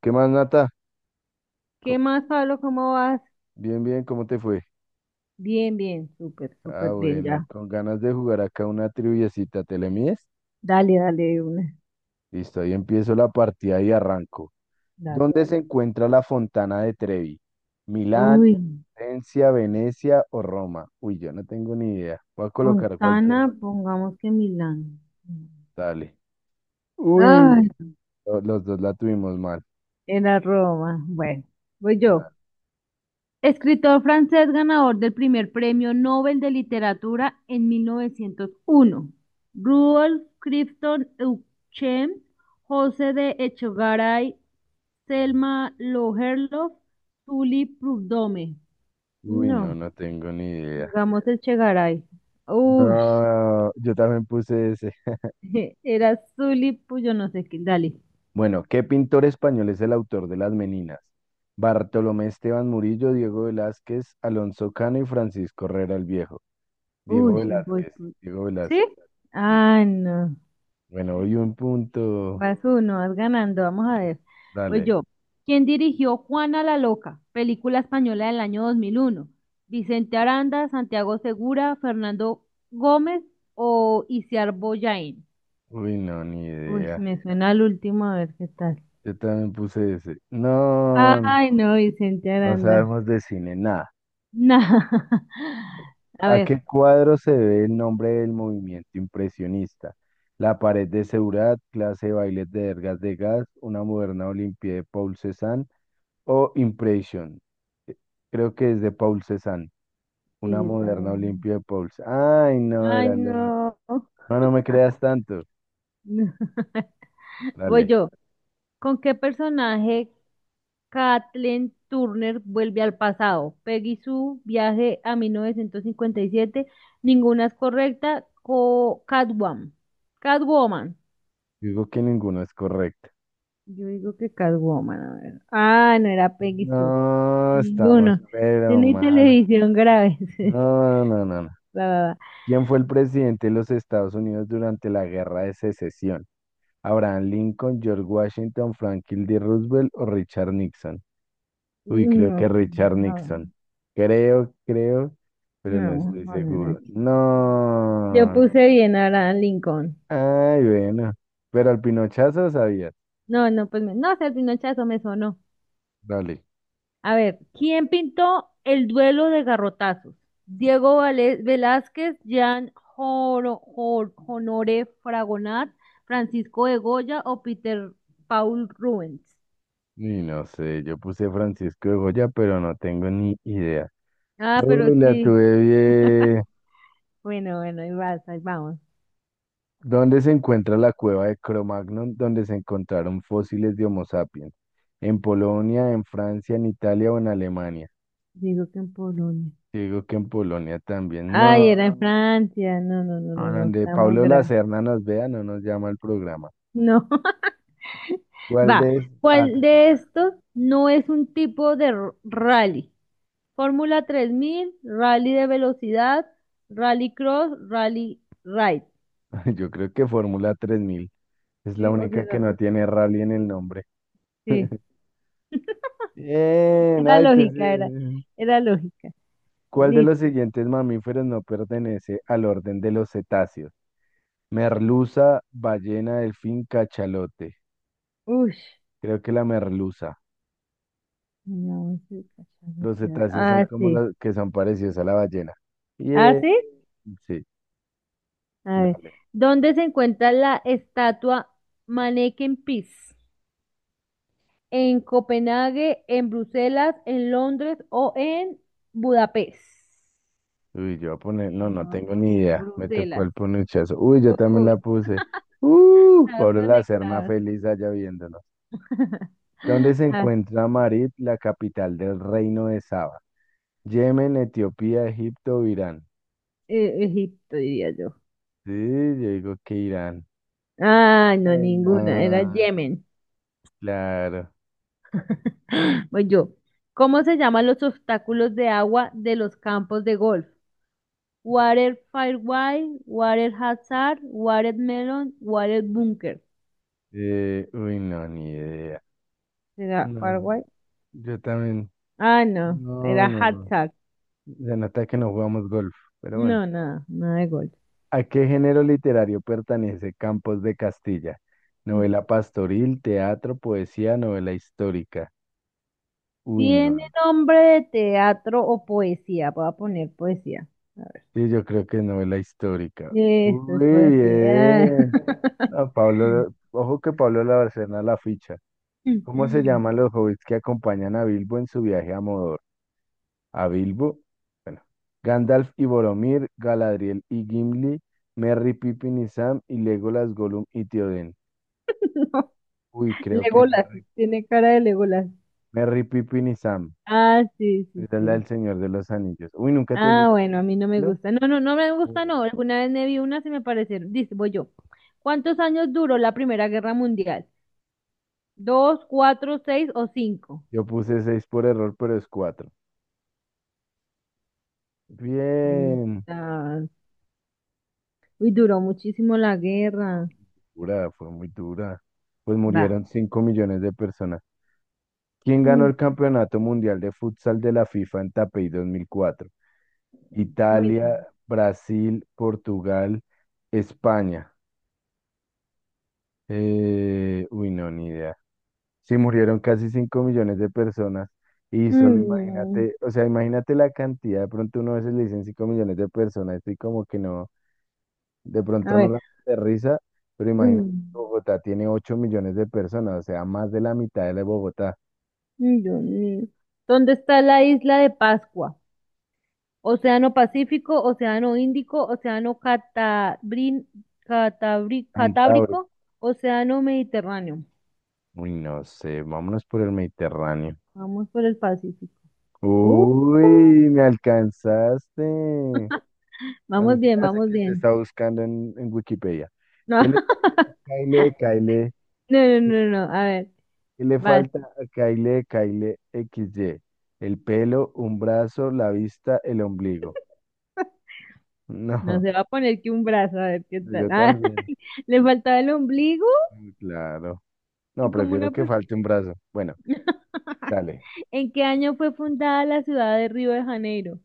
¿Qué más, Nata? ¿Qué Co- más, Pablo? ¿Cómo vas? Bien, bien, ¿cómo te fue? Bien, bien, súper, Ah, súper bien bueno, ya. con ganas de jugar acá una triviecita, ¿te le mides? Dale, dale, de una. Listo, ahí empiezo la partida y arranco. Dale, ¿Dónde se dale. encuentra la Fontana de Trevi? ¿Milán, Uy, Florencia, Venecia o Roma? Uy, yo no tengo ni idea. Voy a colocar Fontana, cualquiera. pongamos que Milán. Dale. Uy, Ay, los dos la tuvimos mal. era Roma. Bueno, voy yo. Dale. Escritor francés ganador del primer premio Nobel de Literatura en 1901. Rudolf Clifton Euchem, José de Echegaray, Selma Lagerlöf, Tully Prudhomme. Uy, no, No. no tengo ni idea. Digamos el Chegaray. Uy, No, yo también puse ese. era Zully, pues yo no sé qué. Dale. Bueno, ¿qué pintor español es el autor de Las Meninas? Bartolomé Esteban Murillo, Diego Velázquez, Alonso Cano y Francisco Herrera el Viejo. Diego Uy, no voy. Velázquez, Diego ¿Sí? Velázquez. Sí. Ah, no. Bueno, hoy un punto. Vas uno, vas ganando. Vamos a ver. Pues Dale. yo. ¿Quién dirigió Juana la Loca? Película española del año 2001, Vicente Aranda, Santiago Segura, Fernando Gómez o Isiar Boyain. Uy, no, ni Uy, idea. me suena al último, a ver qué tal. Yo también puse ese. No, Ay, no, Vicente no Aranda. sabemos de cine, nada. Nah. A ¿A ver. qué cuadro se debe el nombre del movimiento impresionista? La pared de Seurat, clase de bailes de Ergas de Gas, una moderna Olimpia de Paul Cézanne o Impression. Eh, Creo que es de Paul Cézanne, Sí, una yo moderna también. Olimpia de Paul. Ay, no, Ay, era lo no. otro. No, no me creas tanto. Voy Dale, yo. ¿Con qué personaje Kathleen Turner vuelve al pasado? Peggy Sue, viaje a 1957. Ninguna es correcta. Catwoman. Catwoman. digo que ninguno es correcto. Yo digo que Catwoman, a ver. Ah, no era Peggy Sue. No, estamos Ninguno. pero Tiene mal. televisión grave. No, no, no, no. Va, va, va. ¿Quién fue el presidente de los Estados Unidos durante la Guerra de Secesión? ¿Abraham Lincoln, George Washington, Franklin D. Roosevelt o Richard Nixon? Uy, creo No, que Richard no, Nixon. Creo, creo, pero no no, estoy no, no, seguro. no. Yo No. puse bien ahora Lincoln. Ay, bueno. Pero al pinochazo sabías. No, no, pues no, ese pinochazo me sonó. Dale. A ver, ¿quién pintó el duelo de garrotazos? Diego Velázquez, Jean Honoré Fragonard, Francisco de Goya o Peter Paul Rubens. Y no sé, yo puse Francisco de Goya, pero no tengo ni idea. Ah, pero Uy, la sí. tuve bien. Bueno, bueno, ahí vas, ahí vamos. ¿Dónde se encuentra la cueva de Cro-Magnon, donde se encontraron fósiles de Homo sapiens? ¿En Polonia, en Francia, en Italia o en Alemania? Digo que en Polonia. Digo que en Polonia también. Ay, No. era en Francia. No, no, no, A no, no, donde estamos Pablo graves. Lacerna nos vea, no nos llama al programa. No. ¿Cuál Va, de...? ¿Es? Ah, ¿cuál te de toca. estos no es un tipo de rally? Fórmula 3000, rally de velocidad, rally cross, rally ride. Yo creo que Fórmula 3000. Es la Sí, o única que sea, no tiene rally en el nombre. sí. Bien, Era ay, lógica, era, entonces, era lógica. ¿cuál de los Listo. siguientes mamíferos no pertenece al orden de los cetáceos? Merluza, ballena, delfín, cachalote. Uy, Creo que la merluza. Los cetáceos son ah, como sí. los que son parecidos a la ballena. Ah, Bien, sí. sí, A ver. dale. ¿Dónde se encuentra la estatua Manneken Pis? ¿En Copenhague, en Bruselas, en Londres o en Budapest? Uy, yo voy a poner, no, no Voy a tengo ni poner idea. Me tocó Bruselas. el ponuchazo. Uy, yo también la Uy, puse. Está Pablo la Serna conectado. feliz allá viéndonos. ¿Dónde se Ah, encuentra Marib, la capital del reino de Saba? Yemen, Etiopía, Egipto, Irán. Egipto, diría yo. Sí, yo digo que Irán. Ay, no, Ay, ninguna, era no, Yemen. claro. Voy yo. ¿Cómo se llaman los obstáculos de agua de los campos de golf? Water fairway, Water Hazard, Water Melon, Water Bunker. Uy, no, ni idea. ¿Será No, Firewall? yo también. Ah, no, era No, no, no. Hazard. Se nota que no jugamos golf, pero bueno. No, nada, nada de golf. ¿A qué género literario pertenece Campos de Castilla? Novela pastoril, teatro, poesía, novela histórica. Uy, no. ¿Tiene nombre de teatro o poesía? Voy a poner poesía. Sí, yo creo que es novela histórica. Esto es Muy poesía. bien. Ah, Pablo, ojo que Pablo Labarcena la ficha. ¿Cómo se llaman los hobbits que acompañan a Bilbo en su viaje a Mordor? A Bilbo, bueno, Gandalf y Boromir, Galadriel y Gimli, Merry, Pippin y Sam y Legolas, Gollum y Tioden. No, Uy, creo que Legolas, Merry, tiene cara de Legolas. Merry, Pippin y Sam. Ah, sí, sí, Esa es la sí. del Señor de los Anillos. Uy, ¿nunca te has Ah, visto bueno, a mí no me la? gusta. No, no, no me gusta, no. Alguna vez me vi unas y me parecieron. Dice, voy yo. ¿Cuántos años duró la Primera Guerra Mundial? ¿Dos, cuatro, seis o cinco? Yo puse 6 por error, pero es cuatro. Ahí Bien. está. Uy, duró muchísimo la guerra. Dura, fue muy dura. Pues murieron Vamos. 5 millones de personas. ¿Quién ganó Mm, el Campeonato Mundial de Futsal de la FIFA en Taipei 2004? Italia, bueno. Brasil, Portugal, España. Uy, no, ni idea. Sí, murieron casi 5 millones de personas y solo Mm, imagínate, o sea, imagínate la cantidad, de pronto uno a veces le dicen 5 millones de personas y como que no, de no. A pronto no ver. la aterriza, pero imagínate, Mm, Bogotá tiene 8 millones de personas, o sea, más de la mitad de la de Bogotá, mm, Dios mío. ¿Dónde está la isla de Pascua? Océano Pacífico, Océano Índico, Océano Cantabria. Catábrico, Océano Mediterráneo. Uy, no sé, vámonos por el Mediterráneo. Vamos por el Pacífico. Uh, Uy, me alcanzaste. A Vamos mí se me bien, hace vamos que se bien. está buscando en Wikipedia. No, ¿Qué le pasa? Caile, Caile. no, no, no, no. A ver, ¿Qué le vas. falta a Kyle Kyle XY? El pelo, un brazo, la vista, el ombligo. No No, se va a poner que un brazo, a ver qué tal. yo Ah, también. le faltaba el ombligo Mm, claro. No, y como una prefiero que persona. falte un brazo. Bueno, dale. ¿En qué año fue fundada la ciudad de Río de Janeiro?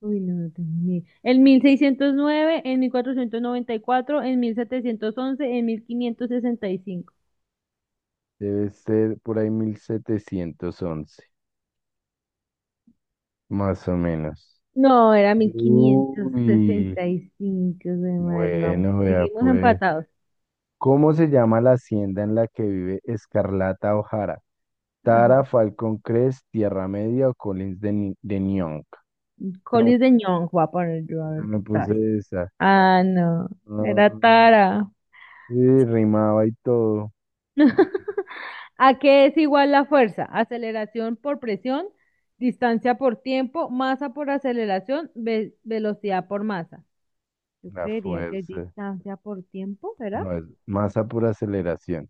Uy, no, no tengo ni idea. En 1609, en 1494, en 1565. Debe ser por ahí 1711 más o menos. No, era Uy, 1565 de madre. Vamos, bueno, vea seguimos pues. empatados. ¿Cómo se llama la hacienda en la que vive Escarlata O'Hara? Ay, Tara, Falcón Crest, Tierra Media o Collins de, Ni- de Nyong? Colis de Ñong, voy a poner yo a Yo ver qué también trae. puse esa. Ah, no, era Ah, Tara. sí, rimaba y todo. ¿A qué es igual la fuerza? Aceleración por presión, distancia por tiempo, masa por aceleración, velocidad por masa. Yo La creería que es fuerza. distancia por tiempo, ¿verdad? No, es masa por aceleración.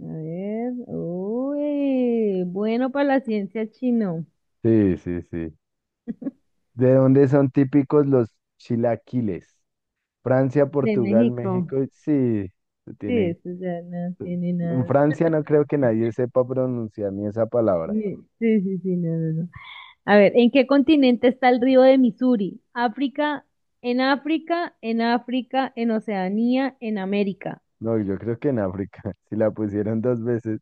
A ver, uy, bueno para la ciencia chino. Sí, sí, sí. ¿De dónde son típicos los chilaquiles? Francia, De Portugal, México. México. Sí, se Sí, tiene. eso ya no tiene En nada. Francia no creo que nadie sepa pronunciar ni esa palabra. Sí, sí, sí, sí, no, no, no. A ver, ¿en qué continente está el río de Misuri? África, en África, en África, en Oceanía, en América. No, yo creo que en África. Si la pusieron dos veces.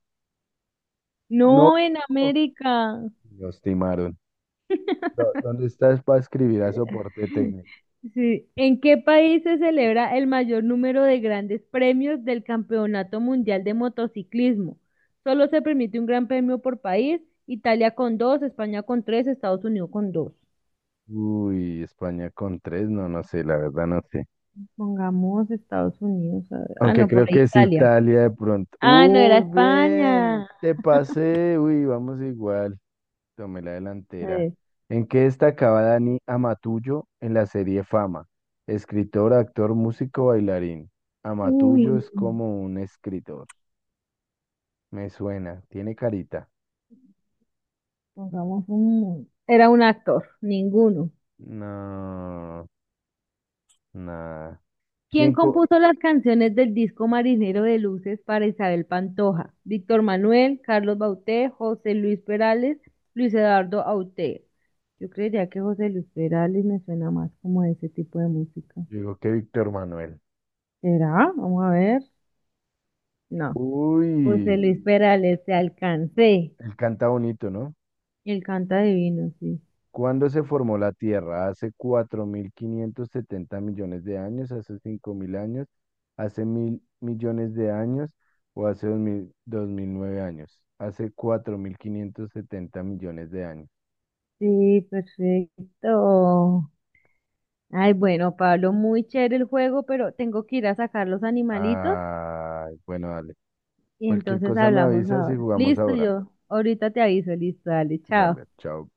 No. No, en América. Los timaron. ¿Dónde estás para escribir a soporte técnico? Sí. ¿En qué país se celebra el mayor número de grandes premios del Campeonato Mundial de Motociclismo? Solo se permite un gran premio por país, Italia con dos, España con tres, Estados Unidos con dos. Uy, España con tres, no, no sé, la verdad no sé. Pongamos Estados Unidos. A ver. Ah, Aunque no, por creo ahí que es Italia. Italia de pronto. Ah, no, era Uy, España. bien, A te pasé. Uy, vamos igual. Tomé la delantera. ver. ¿En qué destacaba Dani Amatullo en la serie Fama? Escritor, actor, músico, bailarín. Uy, Amatullo es no. como un escritor. Me suena, tiene carita. Pongamos un... Era un actor, ninguno. No, nada. ¿Quién ¿Quién co? compuso las canciones del disco Marinero de Luces para Isabel Pantoja? Víctor Manuel, Carlos Bauté, José Luis Perales, Luis Eduardo Aute. Yo creería que José Luis Perales me suena más como a ese tipo de música. Digo que Víctor Manuel. ¿Será? Vamos a ver. No. José Uy, Luis Perales, te alcancé. él canta bonito, ¿no? Él canta divino, sí. ¿Cuándo se formó la Tierra? ¿Hace 4570 millones de años? ¿Hace 5000 años? ¿Hace 1000 millones de años? ¿O hace 2009 años? Hace 4.570 millones de años. Sí, perfecto. Ay, bueno, Pablo, muy chévere el juego, pero tengo que ir a sacar los animalitos. Ay, bueno, dale. Y Cualquier entonces cosa me hablamos avisas y ahora. jugamos Listo, ahora. yo ahorita te aviso, listo, dale, chao. Dale, chao.